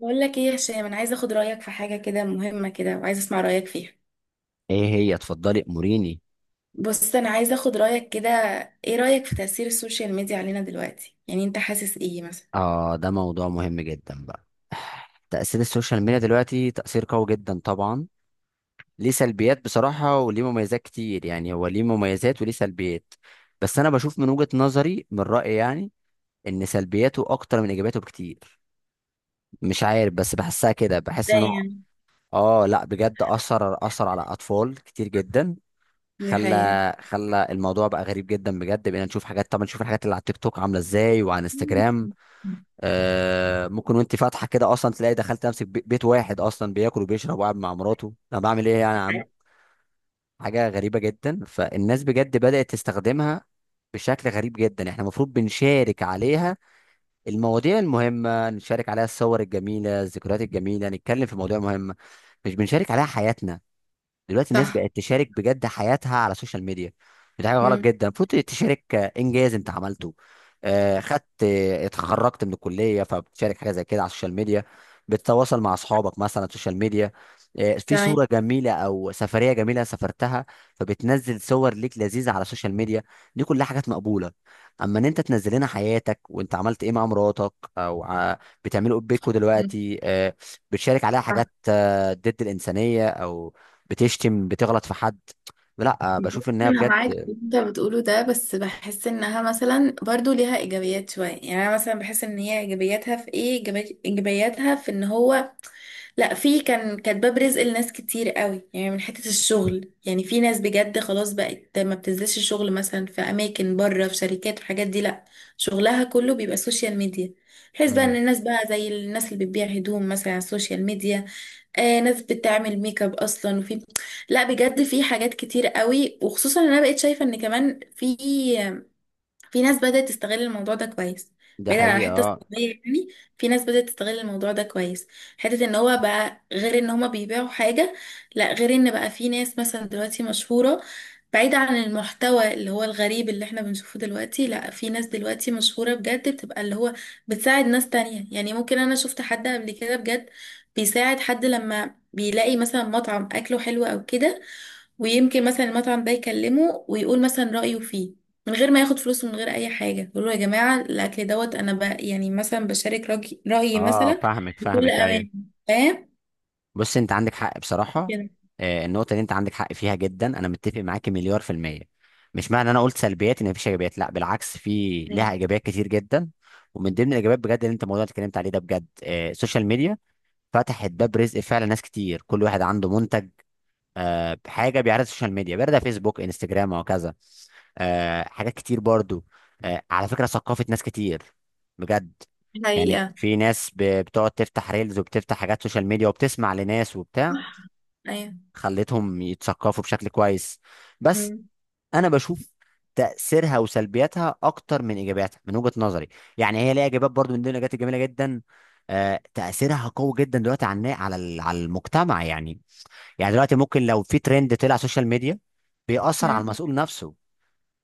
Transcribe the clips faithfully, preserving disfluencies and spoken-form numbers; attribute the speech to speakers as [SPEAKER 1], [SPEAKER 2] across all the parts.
[SPEAKER 1] بقول لك ايه يا هشام، انا عايزه اخد رايك في حاجه كده مهمه كده، وعايزه اسمع رايك فيها.
[SPEAKER 2] ايه هي؟ اتفضلي اموريني.
[SPEAKER 1] بص، انا عايزه اخد رايك كده. ايه رايك في تاثير السوشيال ميديا علينا دلوقتي؟ يعني انت حاسس ايه مثلا؟
[SPEAKER 2] اه، ده موضوع مهم جدا بقى. تأثير السوشيال ميديا دلوقتي تأثير قوي جدا طبعا. ليه سلبيات بصراحة وليه مميزات كتير، يعني هو ليه مميزات وليه سلبيات. بس انا بشوف من وجهة نظري، من رأيي يعني، ان سلبياته اكتر من ايجاباته بكتير. مش عارف، بس بحسها كده، بحس
[SPEAKER 1] ده
[SPEAKER 2] انه
[SPEAKER 1] يعني.
[SPEAKER 2] اه، لا، بجد اثر اثر على اطفال كتير جدا.
[SPEAKER 1] دي حقيقة.
[SPEAKER 2] خلى خلى الموضوع بقى غريب جدا بجد، بقينا نشوف حاجات. طبعا نشوف الحاجات اللي على التيك توك عامله ازاي وعلى انستجرام. آه ممكن وانت فاتحه كده اصلا تلاقي دخلت نفسك بي- بيت واحد اصلا بياكل وبيشرب وقاعد مع مراته. انا بعمل ايه يعني يا عم؟ حاجه غريبه جدا. فالناس بجد بدات تستخدمها بشكل غريب جدا. احنا المفروض بنشارك عليها المواضيع المهمه، نشارك عليها الصور الجميله، الذكريات الجميله، نتكلم في مواضيع مهمه، مش بنشارك عليها حياتنا. دلوقتي الناس
[SPEAKER 1] صح.
[SPEAKER 2] بقت تشارك بجد حياتها على السوشيال ميديا. دي حاجه غلط
[SPEAKER 1] مم.
[SPEAKER 2] جدا. المفروض تشارك آه، انجاز انت عملته، آه، خدت آه، اتخرجت من الكليه فبتشارك حاجه زي كده على السوشيال ميديا، بتتواصل مع اصحابك مثلا على السوشيال ميديا، آه، في
[SPEAKER 1] تمام.
[SPEAKER 2] صوره جميله او سفريه جميله سافرتها فبتنزل صور ليك لذيذه على السوشيال ميديا. دي كلها حاجات مقبوله. اما ان انت تنزل لنا حياتك وانت عملت ايه مع مراتك، او ع- بتعملوا ايه بيكوا
[SPEAKER 1] مم.
[SPEAKER 2] دلوقتي آه، بتشارك عليها
[SPEAKER 1] صح.
[SPEAKER 2] حاجات آه، ضد الانسانيه، او بتشتم، بتغلط في حد، لا،
[SPEAKER 1] بص،
[SPEAKER 2] بشوف ان هي
[SPEAKER 1] انا
[SPEAKER 2] بجد.
[SPEAKER 1] معاك في اللي انت بتقوله ده، بس بحس انها مثلا برضو ليها ايجابيات شويه. يعني انا مثلا بحس ان هي ايجابياتها في ايه، إيجابي- ايجابياتها في ان هو لا، في كان كانت باب رزق لناس كتير قوي. يعني من حتة الشغل، يعني في ناس بجد خلاص بقت ما بتنزلش الشغل مثلا في اماكن بره، في شركات والحاجات دي، لا، شغلها كله بيبقى سوشيال ميديا. بحيث بقى ان
[SPEAKER 2] مم.
[SPEAKER 1] الناس بقى زي الناس اللي بتبيع هدوم مثلا على السوشيال ميديا. آه، ناس بتعمل ميك اب اصلا، وفي لا بجد في حاجات كتير قوي. وخصوصا إن انا بقيت شايفة ان كمان في في ناس بدأت تستغل الموضوع ده كويس،
[SPEAKER 2] ده
[SPEAKER 1] بعيدا عن
[SPEAKER 2] حقيقة،
[SPEAKER 1] حتة
[SPEAKER 2] اه.
[SPEAKER 1] السلبية. يعني في ناس بدأت تستغل الموضوع ده كويس. حتة ان هو بقى غير ان هما بيبيعوا حاجة، لا، غير ان بقى في ناس مثلا دلوقتي مشهورة. بعيدا عن المحتوى اللي هو الغريب اللي احنا بنشوفه دلوقتي، لا، في ناس دلوقتي مشهورة بجد بتبقى اللي هو بتساعد ناس تانية. يعني ممكن انا شفت حد قبل كده بجد بيساعد حد لما بيلاقي مثلا مطعم اكله حلو او كده، ويمكن مثلا المطعم ده يكلمه ويقول مثلا رأيه فيه من غير ما ياخد فلوس ومن غير اي حاجه، يقول له يا جماعه الاكل دوت انا ب... يعني مثلا بشارك رأي- رايي
[SPEAKER 2] اه،
[SPEAKER 1] مثلا
[SPEAKER 2] فاهمك
[SPEAKER 1] بكل
[SPEAKER 2] فاهمك، ايوه.
[SPEAKER 1] امان. فاهم
[SPEAKER 2] بص، انت عندك حق بصراحة.
[SPEAKER 1] كده.
[SPEAKER 2] آه، النقطة اللي انت عندك حق فيها جدا، انا متفق معاك مليار في المية. مش معنى انا قلت سلبيات ان مفيش ايجابيات، لا بالعكس، في لها
[SPEAKER 1] أيوة.
[SPEAKER 2] ايجابيات كتير جدا. ومن ضمن الايجابيات بجد اللي انت الموضوع اللي اتكلمت عليه ده بجد، آه، السوشيال ميديا فتحت باب رزق فعلا ناس كتير. كل واحد عنده منتج، آه، بحاجه، بيعرض السوشيال ميديا، بيعرضها فيسبوك، انستجرام، وهكذا. آه، حاجات كتير برضو. آه، على فكره، ثقافه ناس كتير بجد. يعني
[SPEAKER 1] حقيقة.
[SPEAKER 2] في ناس ب- بتقعد تفتح ريلز وبتفتح حاجات سوشيال ميديا وبتسمع لناس وبتاع،
[SPEAKER 1] ايوه.
[SPEAKER 2] خلتهم يتثقفوا بشكل كويس. بس
[SPEAKER 1] مم.
[SPEAKER 2] انا بشوف تأثيرها وسلبياتها أكتر من إيجابياتها من وجهة نظري. يعني هي ليها إيجابيات برضو. من ضمن الإيجابيات الجميلة جدا آه، تأثيرها قوي جدا دلوقتي على النا- على ال- على المجتمع يعني. يعني دلوقتي ممكن لو في ترند طلع سوشيال ميديا بيأثر على
[SPEAKER 1] مم.
[SPEAKER 2] المسؤول نفسه.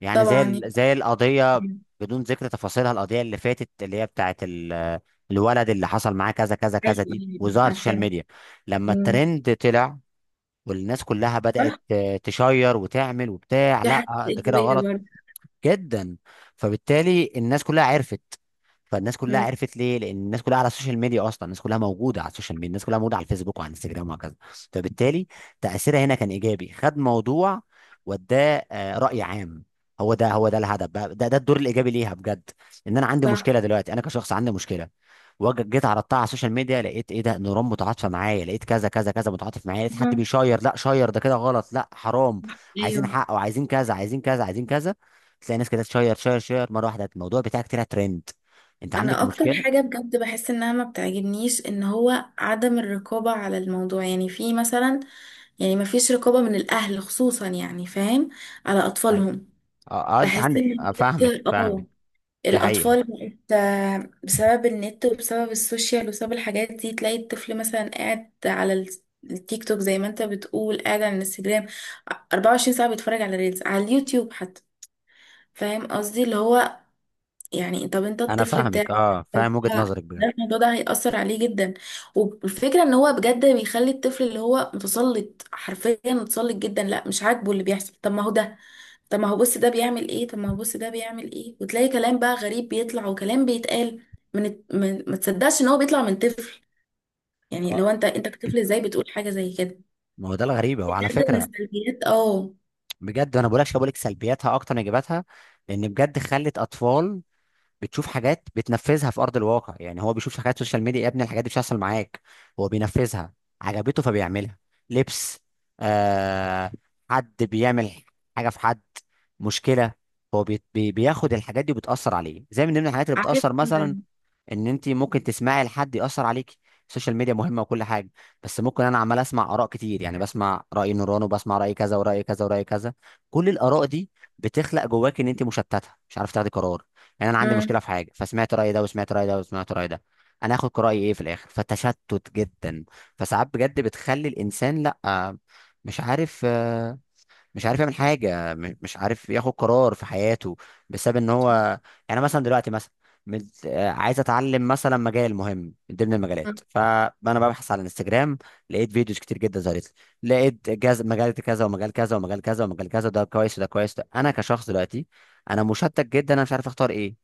[SPEAKER 2] يعني
[SPEAKER 1] طبعا
[SPEAKER 2] زي ال-
[SPEAKER 1] يعني.
[SPEAKER 2] زي القضية،
[SPEAKER 1] مم.
[SPEAKER 2] بدون ذكر تفاصيلها، القضية اللي فاتت اللي هي بتاعت ال- الولد اللي حصل معاه كذا كذا كذا،
[SPEAKER 1] ايوه.
[SPEAKER 2] دي
[SPEAKER 1] أيوة،
[SPEAKER 2] وظهرت السوشيال
[SPEAKER 1] عارفاه.
[SPEAKER 2] ميديا. لما
[SPEAKER 1] مم.
[SPEAKER 2] الترند طلع والناس كلها بدأت
[SPEAKER 1] صح.
[SPEAKER 2] آه، تشير وتعمل وبتاع،
[SPEAKER 1] دي
[SPEAKER 2] لا
[SPEAKER 1] حاجه
[SPEAKER 2] آه، ده كده
[SPEAKER 1] ايجابيه
[SPEAKER 2] غلط
[SPEAKER 1] برضه.
[SPEAKER 2] جدا. فبالتالي الناس كلها عرفت. فالناس كلها
[SPEAKER 1] مم.
[SPEAKER 2] عرفت، ليه؟ لان الناس كلها على السوشيال ميديا اصلا، الناس كلها موجوده على السوشيال ميديا، الناس كلها موجوده على الفيسبوك وعلى الانستجرام وهكذا. فبالتالي تاثيرها هنا كان ايجابي، خد موضوع وداه آه، راي عام. هو ده، هو ده الهدف بقى، ده ده الدور الايجابي ليها بجد. ان انا عندي
[SPEAKER 1] صح.
[SPEAKER 2] مشكله دلوقتي، انا كشخص عندي مشكله، وجيت جيت عرضتها على السوشيال ميديا، لقيت ايه؟ ده نيران متعاطفه معايا، لقيت كذا كذا كذا متعاطف معايا، لقيت حد
[SPEAKER 1] مم.
[SPEAKER 2] بيشير، لا شير، ده كده غلط، لا حرام، عايزين
[SPEAKER 1] ايوه.
[SPEAKER 2] حق، وعايزين كذا، عايزين كذا، عايزين كذا. تلاقي ناس كده تشير، شير شير، مره واحده الموضوع بتاعك طلع ترند. انت عندك
[SPEAKER 1] انا اكتر
[SPEAKER 2] مشكله.
[SPEAKER 1] حاجه بجد بحس انها ما بتعجبنيش ان هو عدم الرقابه على الموضوع. يعني في مثلا، يعني مفيش رقابة من الأهل خصوصا، يعني فاهم، على
[SPEAKER 2] أي.
[SPEAKER 1] أطفالهم.
[SPEAKER 2] اه اه، انت
[SPEAKER 1] بحس
[SPEAKER 2] عندك،
[SPEAKER 1] إن
[SPEAKER 2] آه فاهمك
[SPEAKER 1] بجد
[SPEAKER 2] فاهمك.
[SPEAKER 1] اه
[SPEAKER 2] دي حقيقه.
[SPEAKER 1] الأطفال بقت آه، بسبب النت وبسبب السوشيال وبسبب الحاجات دي، تلاقي الطفل مثلا قاعد على ال- التيك توك، زي ما انت بتقول، قاعد على الانستجرام اربعة وعشرين ساعة بيتفرج على ريلز، على اليوتيوب حتى. فاهم قصدي اللي هو، يعني طب انت
[SPEAKER 2] انا
[SPEAKER 1] الطفل
[SPEAKER 2] فاهمك،
[SPEAKER 1] بتاعك
[SPEAKER 2] اه، فاهم وجهه نظرك
[SPEAKER 1] ده،
[SPEAKER 2] بجد.
[SPEAKER 1] الموضوع ده هيأثر عليه جدا. والفكرة ان هو بجد بيخلي الطفل اللي هو متسلط، حرفيا متسلط جدا. لا مش عاجبه اللي بيحصل، طب ما هو ده، طب ما هو بص ده بيعمل ايه، طب ما هو بص ده بيعمل ايه. وتلاقي كلام بقى غريب بيطلع، وكلام بيتقال من, الت- من ما تصدقش ان هو بيطلع من طفل. يعني
[SPEAKER 2] اه،
[SPEAKER 1] لو انت انت كطفل ازاي بتقول حاجة زي كده؟
[SPEAKER 2] ما هو ده الغريبه، وعلى
[SPEAKER 1] بجد من
[SPEAKER 2] فكره
[SPEAKER 1] السلبيات اه.
[SPEAKER 2] بجد، انا بقولكش بقولك سلبياتها اكتر من ايجاباتها، لان بجد خلت اطفال بتشوف حاجات بتنفذها في ارض الواقع. يعني هو بيشوف حاجات سوشيال ميديا، يا ابني الحاجات دي مش هتحصل معاك، هو بينفذها، عجبته فبيعملها. لبس، آه حد بيعمل حاجه في حد، مشكله. هو بي بي- بياخد الحاجات دي وبتأثر عليه. زي من ضمن الحاجات اللي
[SPEAKER 1] عارف.
[SPEAKER 2] بتأثر مثلا، ان انت ممكن تسمعي لحد ياثر عليكي. السوشيال ميديا مهمه وكل حاجه، بس ممكن انا عمال اسمع اراء كتير. يعني بسمع راي نوران، وبسمع راي كذا، وراي كذا، وراي كذا، كل الاراء دي بتخلق جواك ان انت مشتته، مش عارف تاخدي قرار. يعني انا عندي مشكله
[SPEAKER 1] امم.
[SPEAKER 2] في حاجه، فسمعت راي ده، وسمعت راي ده، وسمعت راي ده، انا هاخد راي ايه في الاخر؟ فتشتت جدا. فساعات بجد بتخلي الانسان، لا، مش عارف آه، مش عارف يعمل حاجه، م- مش عارف ياخد قرار في حياته، بسبب ان هو، يعني مثلا دلوقتي مثلا مت- آه، عايز اتعلم مثلا مجال مهم من ضمن المجالات، فانا ببحث على الانستجرام، لقيت فيديوز كتير جدا ظهرت لي، لقيت جاز مجال كذا، ومجال كذا، ومجال كذا، ومجال كذا، ده كويس، وده كويس، ده. انا كشخص دلوقتي، انا مشتت جدا، انا مش عارف اختار ايه.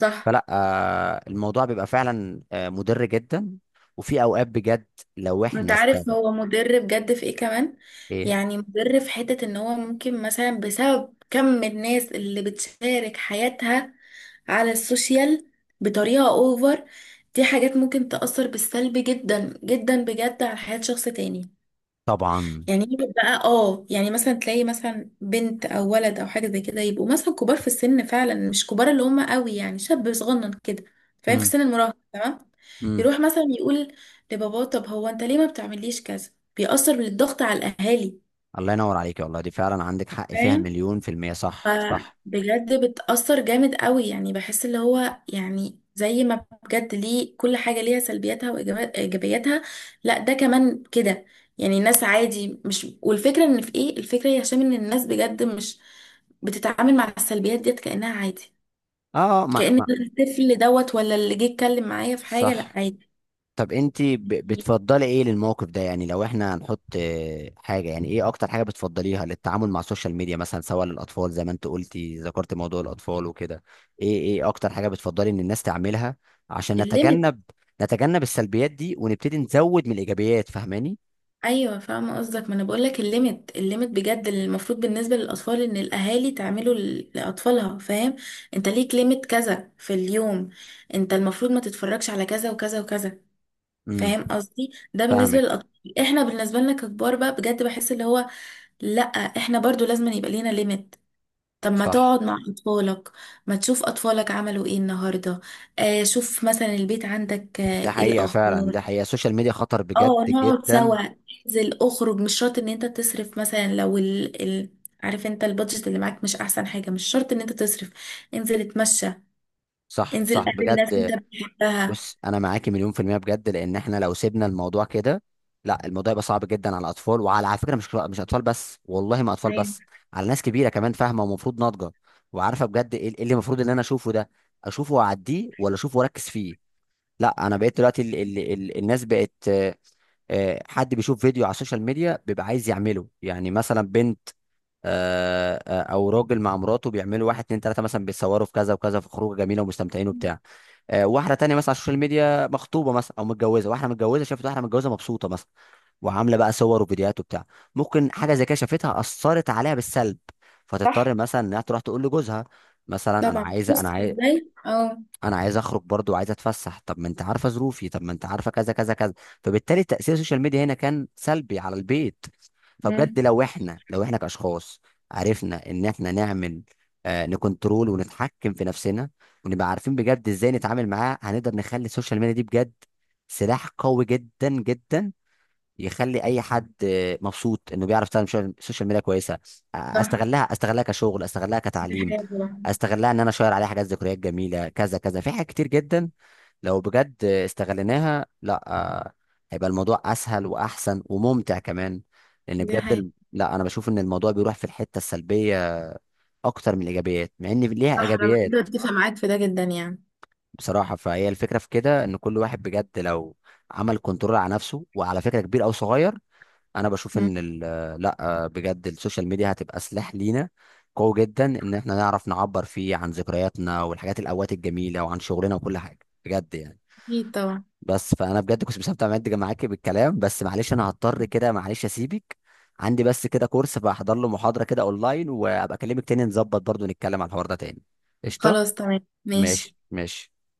[SPEAKER 1] صح.
[SPEAKER 2] فلا آه، الموضوع بيبقى فعلا آه، مضر جدا. وفي اوقات بجد لو
[SPEAKER 1] انت
[SPEAKER 2] احنا
[SPEAKER 1] عارف
[SPEAKER 2] استغل.
[SPEAKER 1] هو مضر بجد في ايه كمان؟
[SPEAKER 2] ايه؟
[SPEAKER 1] يعني مضر في حتة ان هو ممكن مثلا بسبب كم الناس اللي بتشارك حياتها على السوشيال بطريقة اوفر، دي حاجات ممكن تأثر بالسلب جدا جدا بجد على حياة شخص تاني.
[SPEAKER 2] طبعا.
[SPEAKER 1] يعني يجي بقى اه، يعني مثلا تلاقي مثلا بنت او ولد او حاجه زي كده، يبقوا مثلا كبار في السن، فعلا مش كبار اللي هم قوي، يعني شاب صغنن كده، فاهم، في
[SPEAKER 2] امم.
[SPEAKER 1] سن المراهقه. تمام.
[SPEAKER 2] إمم.
[SPEAKER 1] يروح مثلا يقول لباباه طب هو انت ليه ما بتعمليش كذا. بيأثر بالضغط على الاهالي،
[SPEAKER 2] الله ينور عليك، والله دي فعلا عندك حق فيها
[SPEAKER 1] فاهم.
[SPEAKER 2] مليون في المية، صح صح.
[SPEAKER 1] فبجد بتأثر جامد قوي. يعني بحس اللي هو يعني زي ما بجد ليه، كل حاجة ليها سلبياتها وإيجابياتها، لا ده كمان كده. يعني الناس عادي مش، والفكرة إن في إيه، الفكرة يا هشام إن الناس بجد مش بتتعامل مع السلبيات ديت كأنها عادي،
[SPEAKER 2] اه، مع
[SPEAKER 1] كأن
[SPEAKER 2] مع
[SPEAKER 1] الطفل دوت ولا اللي جه يتكلم معايا في حاجة لا
[SPEAKER 2] صح.
[SPEAKER 1] عادي.
[SPEAKER 2] طب انت ب- بتفضلي ايه للموقف ده؟ يعني لو احنا هنحط آه، حاجة، يعني ايه اكتر حاجة بتفضليها للتعامل مع السوشيال ميديا مثلا، سواء للاطفال زي ما انت قلتي، ذكرت موضوع الاطفال وكده؟ ايه ايه اكتر حاجة بتفضلي ان الناس تعملها عشان
[SPEAKER 1] الليمت.
[SPEAKER 2] نتجنب نتجنب السلبيات دي ونبتدي نزود من الايجابيات، فاهماني؟
[SPEAKER 1] ايوه فاهمه قصدك، ما انا بقول لك الليميت الليميت بجد اللي المفروض بالنسبه للاطفال ان الاهالي تعمله ل- لاطفالها، فاهم. انت ليك ليميت كذا في اليوم، انت المفروض ما تتفرجش على كذا وكذا وكذا،
[SPEAKER 2] امم.
[SPEAKER 1] فاهم قصدي. ده بالنسبه
[SPEAKER 2] فاهمك.
[SPEAKER 1] للاطفال، احنا بالنسبه لنا ككبار بقى بجد بحس اللي هو لا، احنا برضو لازم يبقى لينا ليميت. طب ما
[SPEAKER 2] صح.
[SPEAKER 1] تقعد مع اطفالك، ما تشوف اطفالك عملوا ايه النهارده. آه شوف مثلا البيت عندك آه
[SPEAKER 2] ده
[SPEAKER 1] ايه
[SPEAKER 2] حقيقة فعلا،
[SPEAKER 1] الاخبار.
[SPEAKER 2] ده حقيقة، السوشيال ميديا خطر بجد
[SPEAKER 1] اه نقعد
[SPEAKER 2] جدا،
[SPEAKER 1] سوا. انزل اخرج، مش شرط ان انت تصرف، مثلا لو ال... ال... عارف انت البادجت اللي معاك مش احسن حاجة، مش شرط ان انت تصرف، انزل اتمشى،
[SPEAKER 2] صح
[SPEAKER 1] انزل
[SPEAKER 2] صح
[SPEAKER 1] قابل ناس انت
[SPEAKER 2] بجد.
[SPEAKER 1] بتحبها.
[SPEAKER 2] بص، انا معاكي مليون في المية بجد، لان احنا لو سيبنا الموضوع كده، لا، الموضوع يبقى صعب جدا على الاطفال، وعلى على فكرة مش مش اطفال بس، والله ما اطفال بس،
[SPEAKER 1] أيوة.
[SPEAKER 2] على ناس كبيرة كمان، فاهمة ومفروض ناضجة وعارفة بجد ايه إيه اللي المفروض ان انا اشوفه ده، اشوفه واعديه ولا اشوفه واركز فيه؟ لا، انا بقيت دلوقتي ال ال ال الناس بقت آه، آه، حد بيشوف فيديو على السوشيال ميديا بيبقى عايز يعمله. يعني مثلا بنت، آه، آه، او راجل مع مراته، بيعملوا واحد اتنين تلاتة، مثلا بيتصوروا في كذا وكذا، في خروجه جميله ومستمتعين وبتاع، آه، واحده تانية مثلا على السوشيال ميديا مخطوبه مثلا او متجوزه، واحده متجوزه شافت واحده متجوزه مبسوطه مثلا، وعامله بقى صور وفيديوهات وبتاع، ممكن حاجه زي كده شافتها اثرت عليها بالسلب،
[SPEAKER 1] صح
[SPEAKER 2] فتضطر مثلا انها تروح تقول لجوزها مثلا انا
[SPEAKER 1] طبعا.
[SPEAKER 2] عايزه،
[SPEAKER 1] بص
[SPEAKER 2] انا عايز،
[SPEAKER 1] ازاي اه.
[SPEAKER 2] انا عايز اخرج برضو، وعايز اتفسح. طب ما انت عارفه ظروفي، طب ما انت عارفه كذا كذا كذا. فبالتالي تاثير السوشيال ميديا هنا كان سلبي على البيت. فبجد
[SPEAKER 1] مم.
[SPEAKER 2] لو احنا لو احنا كاشخاص عرفنا ان احنا نعمل آه نكنترول ونتحكم في نفسنا، ونبقى عارفين بجد ازاي نتعامل معاه، هنقدر نخلي السوشيال ميديا دي بجد سلاح قوي جدا جدا، يخلي اي حد مبسوط انه بيعرف يستخدم شو- السوشيال ميديا كويسه.
[SPEAKER 1] صح.
[SPEAKER 2] استغلها، استغلها كشغل، استغلها
[SPEAKER 1] دي
[SPEAKER 2] كتعليم،
[SPEAKER 1] حقيقة طبعا.
[SPEAKER 2] استغلها ان انا اشير عليها حاجات، ذكريات جميله، كذا كذا، في حاجات كتير جدا لو بجد استغليناها. لا، هيبقى الموضوع اسهل واحسن وممتع كمان، لان
[SPEAKER 1] دي
[SPEAKER 2] بجد،
[SPEAKER 1] حقيقة.
[SPEAKER 2] الم- لا، انا بشوف ان الموضوع بيروح في الحته السلبيه اكتر من الايجابيات، مع ان ليها
[SPEAKER 1] صح. انا
[SPEAKER 2] ايجابيات.
[SPEAKER 1] بجد اتفق معاك في ده جدا يعني.
[SPEAKER 2] بصراحه، فهي الفكره في كده، ان كل واحد بجد لو عمل كنترول على نفسه، وعلى فكره، كبير او صغير، انا بشوف
[SPEAKER 1] مم.
[SPEAKER 2] ان ال- لا بجد، السوشيال ميديا هتبقى سلاح لينا قوي جدا، ان احنا نعرف نعبر فيه عن ذكرياتنا والحاجات، الاوقات الجميله، وعن شغلنا وكل حاجه بجد يعني.
[SPEAKER 1] اكيد طبعا.
[SPEAKER 2] بس، فانا بجد كنت مستمتع معاك معاكي بالكلام، بس معلش انا هضطر كده معلش اسيبك، عندي بس كده كورس بحضر له، محاضره كده اونلاين، وابقى اكلمك تاني، نظبط برضو نتكلم على الحوار ده تاني. قشطه.
[SPEAKER 1] خلاص تمام ماشي.
[SPEAKER 2] ماشي ماشي.